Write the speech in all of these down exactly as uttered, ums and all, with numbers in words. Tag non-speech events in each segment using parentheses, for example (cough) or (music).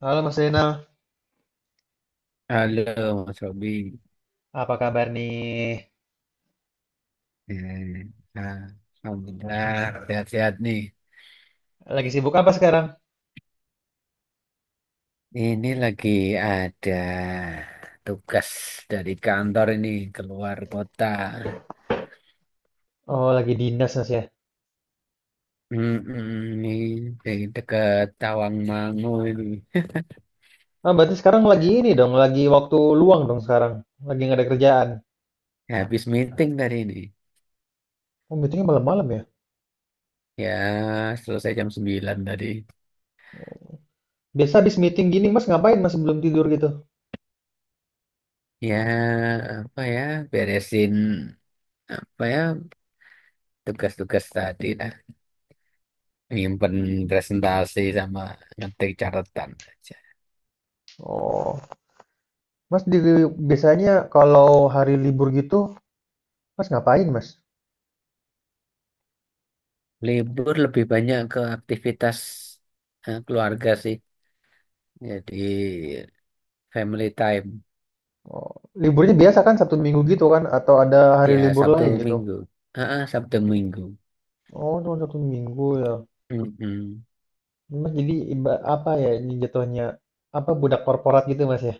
Halo Mas Zainal, Halo Mas Robi, apa kabar nih? eh, nah, Alhamdulillah, sehat-sehat nih. Lagi sibuk apa sekarang? Ini lagi ada tugas dari kantor, ini keluar kota. Oh, lagi dinas Mas ya. Mm-mm, ini dari dekat Tawangmangu ini. Ah, berarti sekarang lagi ini dong, lagi waktu luang dong sekarang. Lagi nggak ada kerjaan. Habis meeting tadi ini. Oh, meetingnya malam-malam ya? Ya, selesai jam sembilan tadi. Biasa habis meeting gini Mas ngapain Mas sebelum tidur gitu? Ya, apa ya, beresin apa ya, tugas-tugas tadi lah. Nyimpen presentasi sama ngetik catatan. Oh, Mas di, biasanya kalau hari libur gitu, Mas ngapain Mas? Libur lebih banyak ke aktivitas eh, keluarga sih. Jadi family time. Oh, liburnya biasa kan Sabtu Minggu gitu kan? Atau ada hari Ya, libur Sabtu lain gitu? Minggu. Ah, ah, Sabtu Minggu. Oh, cuma Sabtu Minggu ya. Mm-mm. Mas jadi iba- apa ya ini jatuhnya? Apa budak korporat gitu Mas ya?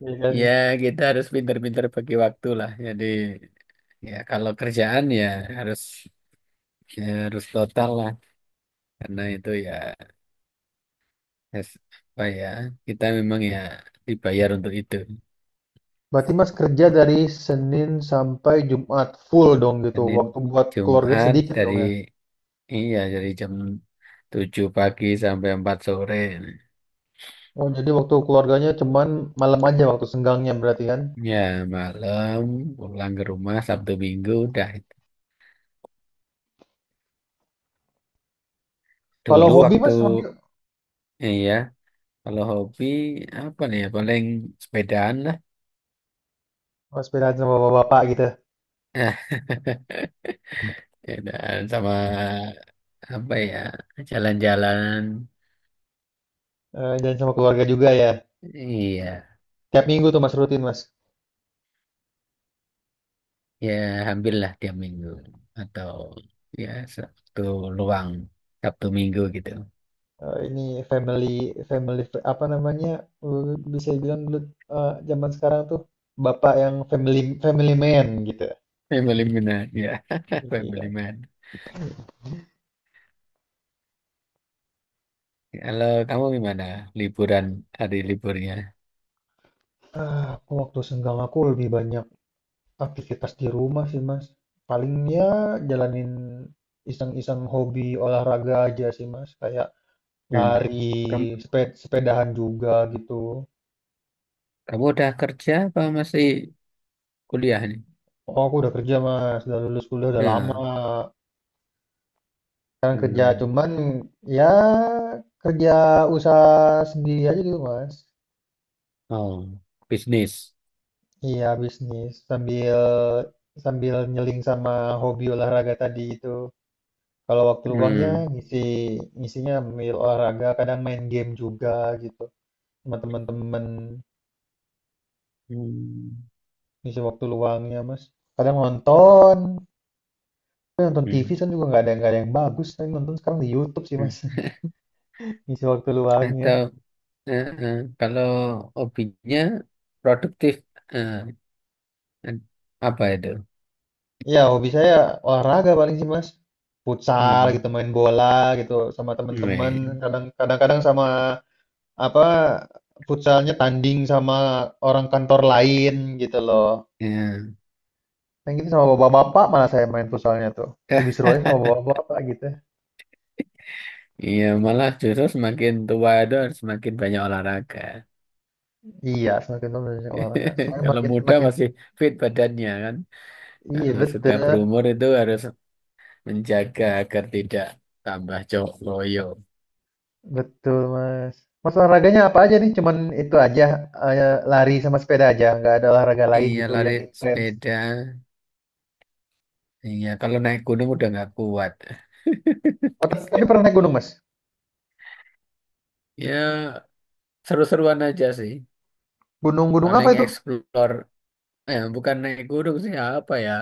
Iya kan? Ya, kita harus pintar-pintar bagi waktu lah. Jadi, ya kalau kerjaan ya harus ya harus total lah. Karena itu ya es- apa ya, kita memang ya dibayar untuk itu. Berarti Mas kerja dari Senin sampai Jumat, full dong gitu. Senin Waktu buat keluarga Jumat, sedikit dari dong ya? iya dari jam tujuh pagi sampai empat sore. Oh, jadi waktu keluarganya cuman malam aja waktu senggangnya berarti kan? Ya, malam pulang ke rumah Sabtu Minggu udah itu. Kalau Dulu hobi waktu Mas, hobi iya, kalau hobi apa nih ya paling sepedaan lah. mas sepedaan sama bapak-bapak gitu. Nah, (laughs) sepedaan sama apa ya? Jalan-jalan. Eh, dan sama keluarga juga ya. Iya, Tiap minggu tuh Mas rutin Mas. ya hampir lah tiap minggu, atau ya Sabtu luang Sabtu Minggu gitu. Eh, ini family family apa namanya? Eh, bisa bilang dulu eh, zaman sekarang tuh bapak yang family family man gitu. Family man, ya. (laughs) Family Iya. man. Kalau kamu gimana liburan hari liburnya? Ah, aku waktu senggang aku lebih banyak aktivitas di rumah sih, Mas. Paling ya jalanin iseng-iseng hobi olahraga aja sih, Mas. Kayak Hmm. lari, seped- sepedahan juga gitu. Kamu udah kerja apa masih kuliah nih? Oh, aku udah kerja, Mas. Udah lulus kuliah udah lama. Hmm, Sekarang kerja hmm. cuman ya kerja usaha sendiri aja gitu, Mas. Oh, bisnis. Iya, bisnis sambil sambil nyeling sama hobi olahraga tadi itu. Kalau waktu luangnya Hmm. ngisi ngisinya ambil olahraga, kadang main game juga gitu, sama teman-teman Hmm. ngisi waktu luangnya Mas. Kadang nonton, tapi nonton T V Hmm. kan juga nggak ada nggak ada yang bagus. Tapi nonton sekarang di YouTube sih hmm. Mas, (laughs) ngisi waktu luangnya. Atau eh, eh, kalau hobinya produktif, eh, eh, apa itu? Ya hobi saya olahraga paling sih Mas. Futsal Hmm. gitu, main bola gitu sama teman-teman. Weh, Kadang kadang-kadang sama apa futsalnya tanding sama orang kantor lain gitu loh. ya. Yang gitu sama bapak-bapak malah saya main futsalnya tuh. Lebih seru aja sama (laughs) bapak-bapak gitu. Iya, malah justru semakin tua itu harus semakin banyak olahraga. Iya, semakin lama olahraga. (laughs) Soalnya Kalau makin muda makin masih fit badannya kan. Iya Kalau sudah betul, berumur itu harus menjaga agar tidak tambah cowok loyo. betul Mas. Mas olahraganya apa aja nih? Cuman itu aja, eh, lari sama sepeda aja, nggak ada olahraga lain Iya, gitu lari yang intens. sepeda. Iya, kalau naik gunung udah nggak kuat. Oh, t- tapi pernah naik gunung Mas? Ya, seru-seruan aja sih. Gunung-gunung Paling apa itu? explore. Eh bukan naik gunung sih, apa ya?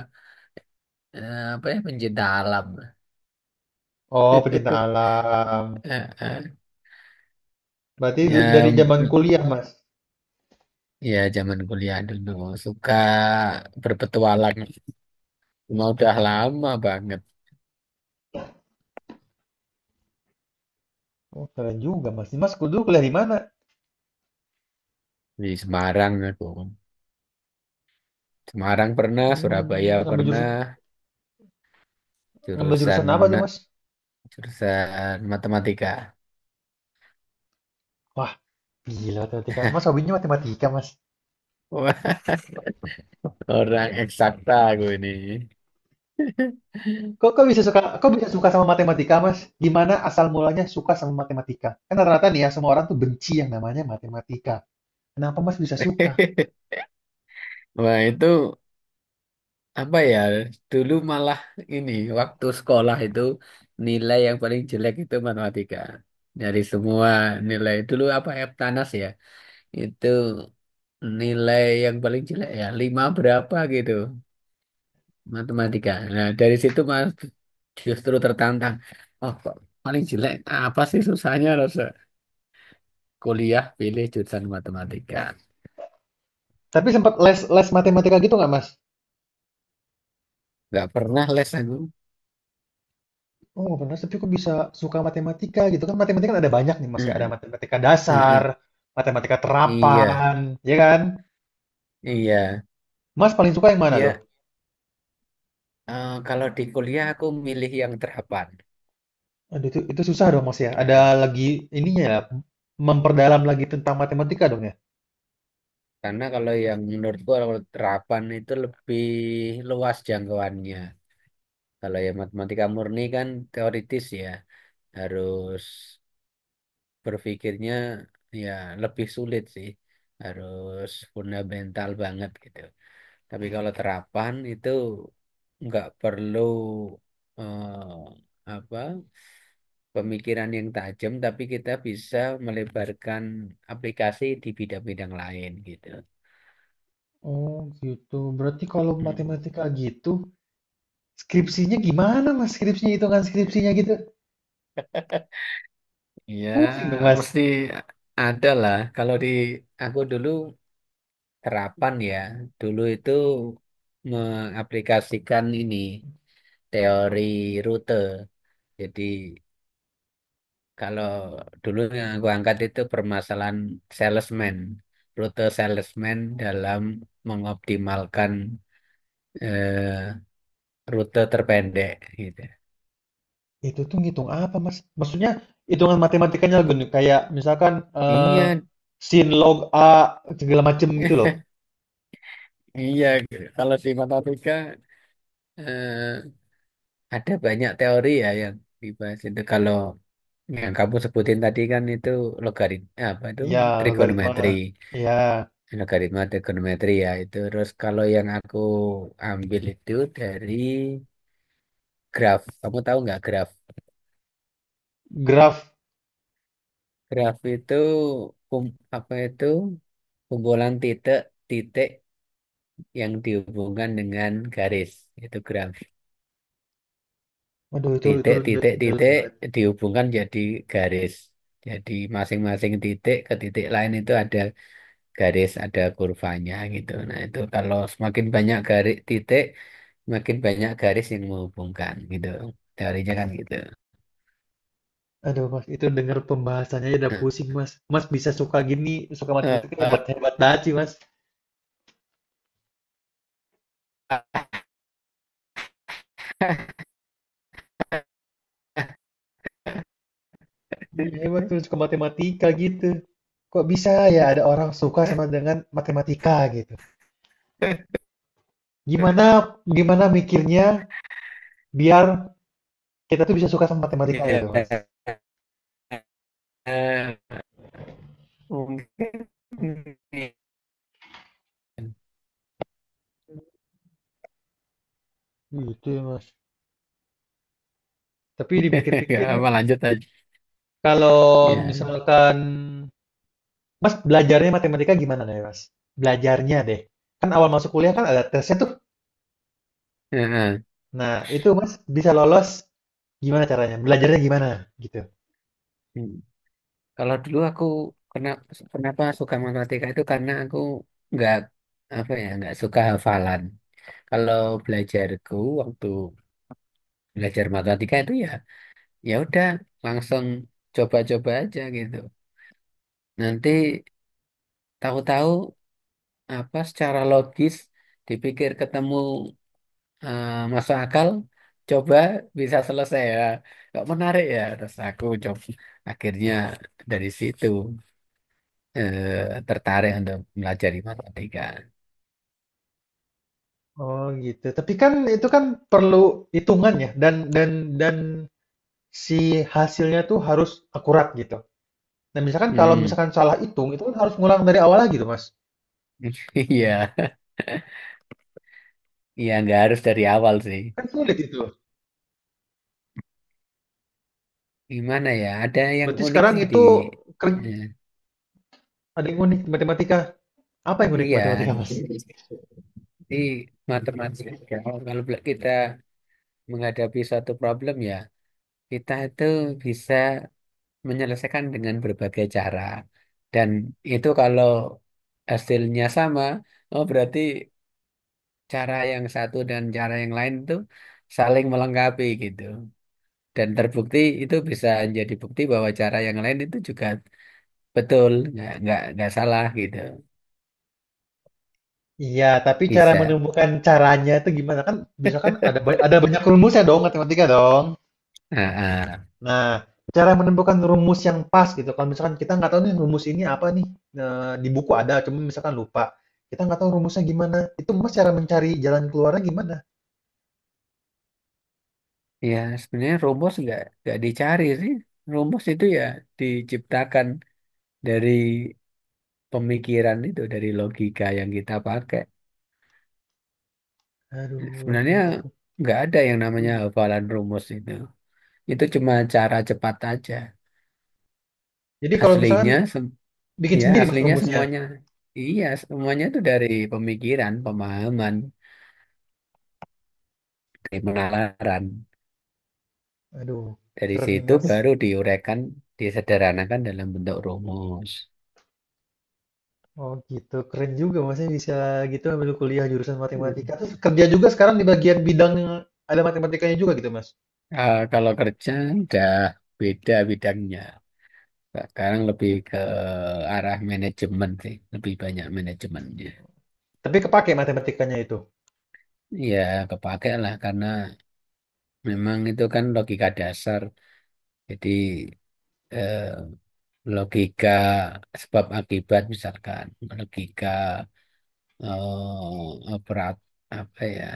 Eh, apa ya, pencinta alam. (laughs) Oh, pecinta alam. Eh, eh. Berarti du- dari Ya, zaman kuliah Mas. ya zaman kuliah dulu suka berpetualang. Cuma udah lama banget Oh, keren juga Mas. Mas dulu kuliah di mana? di Semarang aku. Semarang pernah, Surabaya Hmm, ngambil pernah, jurusan ngambil jurusan jurusan apa tuh Mas? Jurusan matematika. Wah, gila matematika. Mas hobinya matematika Mas. Wah, orang eksakta gue ini. Kok kok bisa suka kok bisa suka sama matematika, Mas? Gimana asal mulanya suka sama matematika? Kan rata-rata nih ya, semua orang tuh benci yang namanya matematika. Kenapa Mas bisa suka? (laughs) Wah, itu apa ya? Dulu malah ini waktu sekolah itu nilai yang paling jelek itu matematika. Dari semua nilai dulu apa Eptanas ya? Itu nilai yang paling jelek ya lima berapa gitu, matematika. Nah, dari situ Mas justru tertantang. Oh, kok paling jelek, apa sih susahnya rasa, kuliah pilih jurusan matematika. Tapi sempat les les matematika gitu nggak, Mas? Nggak pernah les aku. Oh, benar, tapi kok bisa suka matematika gitu kan? Matematika kan ada banyak nih, Mas ya. Ada Hmm, matematika hmm, hmm. dasar, matematika Iya, terapan, ya kan? iya. Mas paling suka yang mana tuh? Ya, eh, kalau di kuliah aku milih yang terapan. Aduh, itu, itu susah dong, Mas ya. Ada Nah, lagi ininya ya, memperdalam lagi tentang matematika dong ya. karena kalau yang menurutku kalau terapan itu lebih luas jangkauannya. Kalau yang matematika murni kan teoritis ya, harus berpikirnya ya lebih sulit sih. Harus fundamental banget gitu. Tapi kalau terapan itu nggak perlu eh, apa, pemikiran yang tajam, tapi kita bisa melebarkan aplikasi di bidang-bidang lain gitu. Oh, gitu. Berarti kalau Hmm. matematika gitu, skripsinya gimana Mas? Skripsinya, hitungan skripsinya gitu. Ya, Pusing dong Mas. mesti ada lah. Kalau di aku dulu terapan ya, dulu itu mengaplikasikan ini teori rute. Jadi Kalau dulu yang aku angkat itu permasalahan salesman, rute salesman dalam mengoptimalkan eh, rute terpendek gitu. Itu tuh ngitung apa Mas? Maksudnya hitungan matematikanya gini, kayak misalkan eh, Iya, sin log A segala macem gitu loh. (laughs) iya. Kalau di matematika eh, ada banyak teori ya yang dibahas itu. Kalau yang kamu sebutin tadi kan itu logaritma, apa itu, Ya, trigonometri, logaritma. Ya, logaritma trigonometri ya itu. Terus kalau yang aku ambil itu dari graf. Kamu tahu nggak graf? graf. Graf itu kum- apa itu, kumpulan titik-titik yang dihubungkan dengan garis. Itu graf. Aduh itu itu da- dalam Titik-titik-titik banget. dihubungkan jadi garis. Jadi masing-masing titik ke titik lain itu ada garis, ada kurvanya gitu. Nah, itu kalau semakin banyak garis titik, makin banyak garis yang menghubungkan gitu. Teorinya kan gitu. Aduh Mas, itu denger pembahasannya aja udah Nah, pusing Mas. Mas bisa suka gini, suka eh, matematika hebat-hebat banget sih Mas. Iya hebat tuh suka matematika gitu. Kok bisa ya ada (laughs) orang suka sama dengan matematika gitu. Gimana gimana mikirnya biar kita tuh bisa suka sama matematika gitu, Mas. iya. Mungkin Gitu ya, Mas. Tapi (laughs) nggak dipikir-pikir apa, lanjut aja. kalau Ya. misalkan Mas belajarnya matematika gimana nih, Mas? Belajarnya deh. Kan awal masuk kuliah kan ada tesnya tuh. Heeh. Nah, itu Mas bisa lolos gimana caranya? Belajarnya gimana gitu. Hmm. Kalau dulu aku, kenapa kenapa suka matematika itu karena aku nggak apa ya nggak suka hafalan. Kalau belajarku waktu belajar matematika itu ya, ya udah langsung coba-coba aja gitu. Nanti tahu-tahu apa, secara logis dipikir ketemu eh, masuk akal, coba bisa selesai ya, nggak menarik ya, terus aku coba, akhirnya dari situ eh, tertarik untuk melajari matematika. Oh, gitu. Tapi kan itu kan perlu hitungan ya dan dan dan si hasilnya tuh harus akurat gitu. Nah, misalkan kalau Hmm. misalkan salah hitung, itu kan harus ngulang dari awal lagi tuh, Mas. (laughs) Iya, iya, nggak harus dari awal sih. Kan sulit itu. Gimana ya, ada yang Berarti unik sekarang sih di, itu keren, eh, ada yang unik matematika. Apa yang unik iya, matematika, Mas? di matematika. Kalau kalau kita menghadapi suatu problem ya, kita itu bisa menyelesaikan dengan berbagai cara. Dan itu kalau hasilnya sama, oh berarti cara yang satu dan cara yang lain itu saling melengkapi gitu. Dan terbukti itu bisa jadi bukti bahwa cara yang lain itu juga betul, nggak nggak nggak salah gitu. Iya, tapi cara Bisa. menemukan caranya itu gimana? Kan bisa kan ada ba- ada banyak rumusnya dong matematika dong. Ah, ah. Nah, cara menemukan rumus yang pas gitu. Kalau misalkan kita nggak tahu nih rumus ini apa nih, nah, di buku ada, cuma misalkan lupa. Kita nggak tahu rumusnya gimana. Itu Mas cara mencari jalan keluarnya gimana? Ya, sebenarnya rumus nggak nggak dicari sih. Rumus itu ya diciptakan dari pemikiran itu, dari logika yang kita pakai. Aduh, itu Sebenarnya aku. nggak ada yang namanya hafalan rumus itu. Itu cuma cara cepat aja. Jadi kalau misalkan Aslinya, sem- bikin ya sendiri Mas aslinya rumusnya? semuanya. Iya, semuanya itu dari pemikiran, pemahaman, dari penalaran. Aduh, Dari keren nih situ Mas. baru diuraikan, disederhanakan dalam bentuk rumus. Oh gitu, keren juga Masnya bisa gitu ambil kuliah jurusan Hmm. matematika. Terus kerja juga sekarang di bagian bidang yang ada matematikanya juga gitu Mas. Eh, kalau kerja udah beda bidangnya. Sekarang lebih ke arah manajemen sih, lebih banyak manajemennya. Tapi kepake matematikanya itu. Ya, kepake lah karena Memang itu kan logika dasar. Jadi eh, logika sebab akibat misalkan, logika eh, operat apa ya?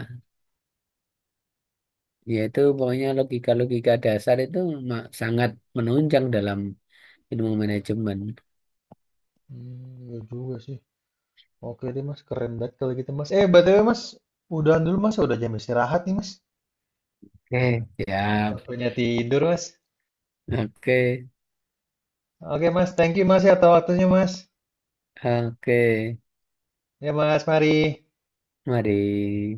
Yaitu pokoknya logika-logika dasar itu ma- sangat menunjang dalam ilmu manajemen. Hmm, iya juga sih. Oke deh Mas, keren banget kalau gitu Mas. Eh, B T W Mas, udahan dulu Mas, udah jam istirahat nih Mas. Oke. Ya, Waktunya tidur Mas. oke, Oke Mas, thank you Mas ya atas waktunya Mas. oke. Ya Mas, mari. Mari.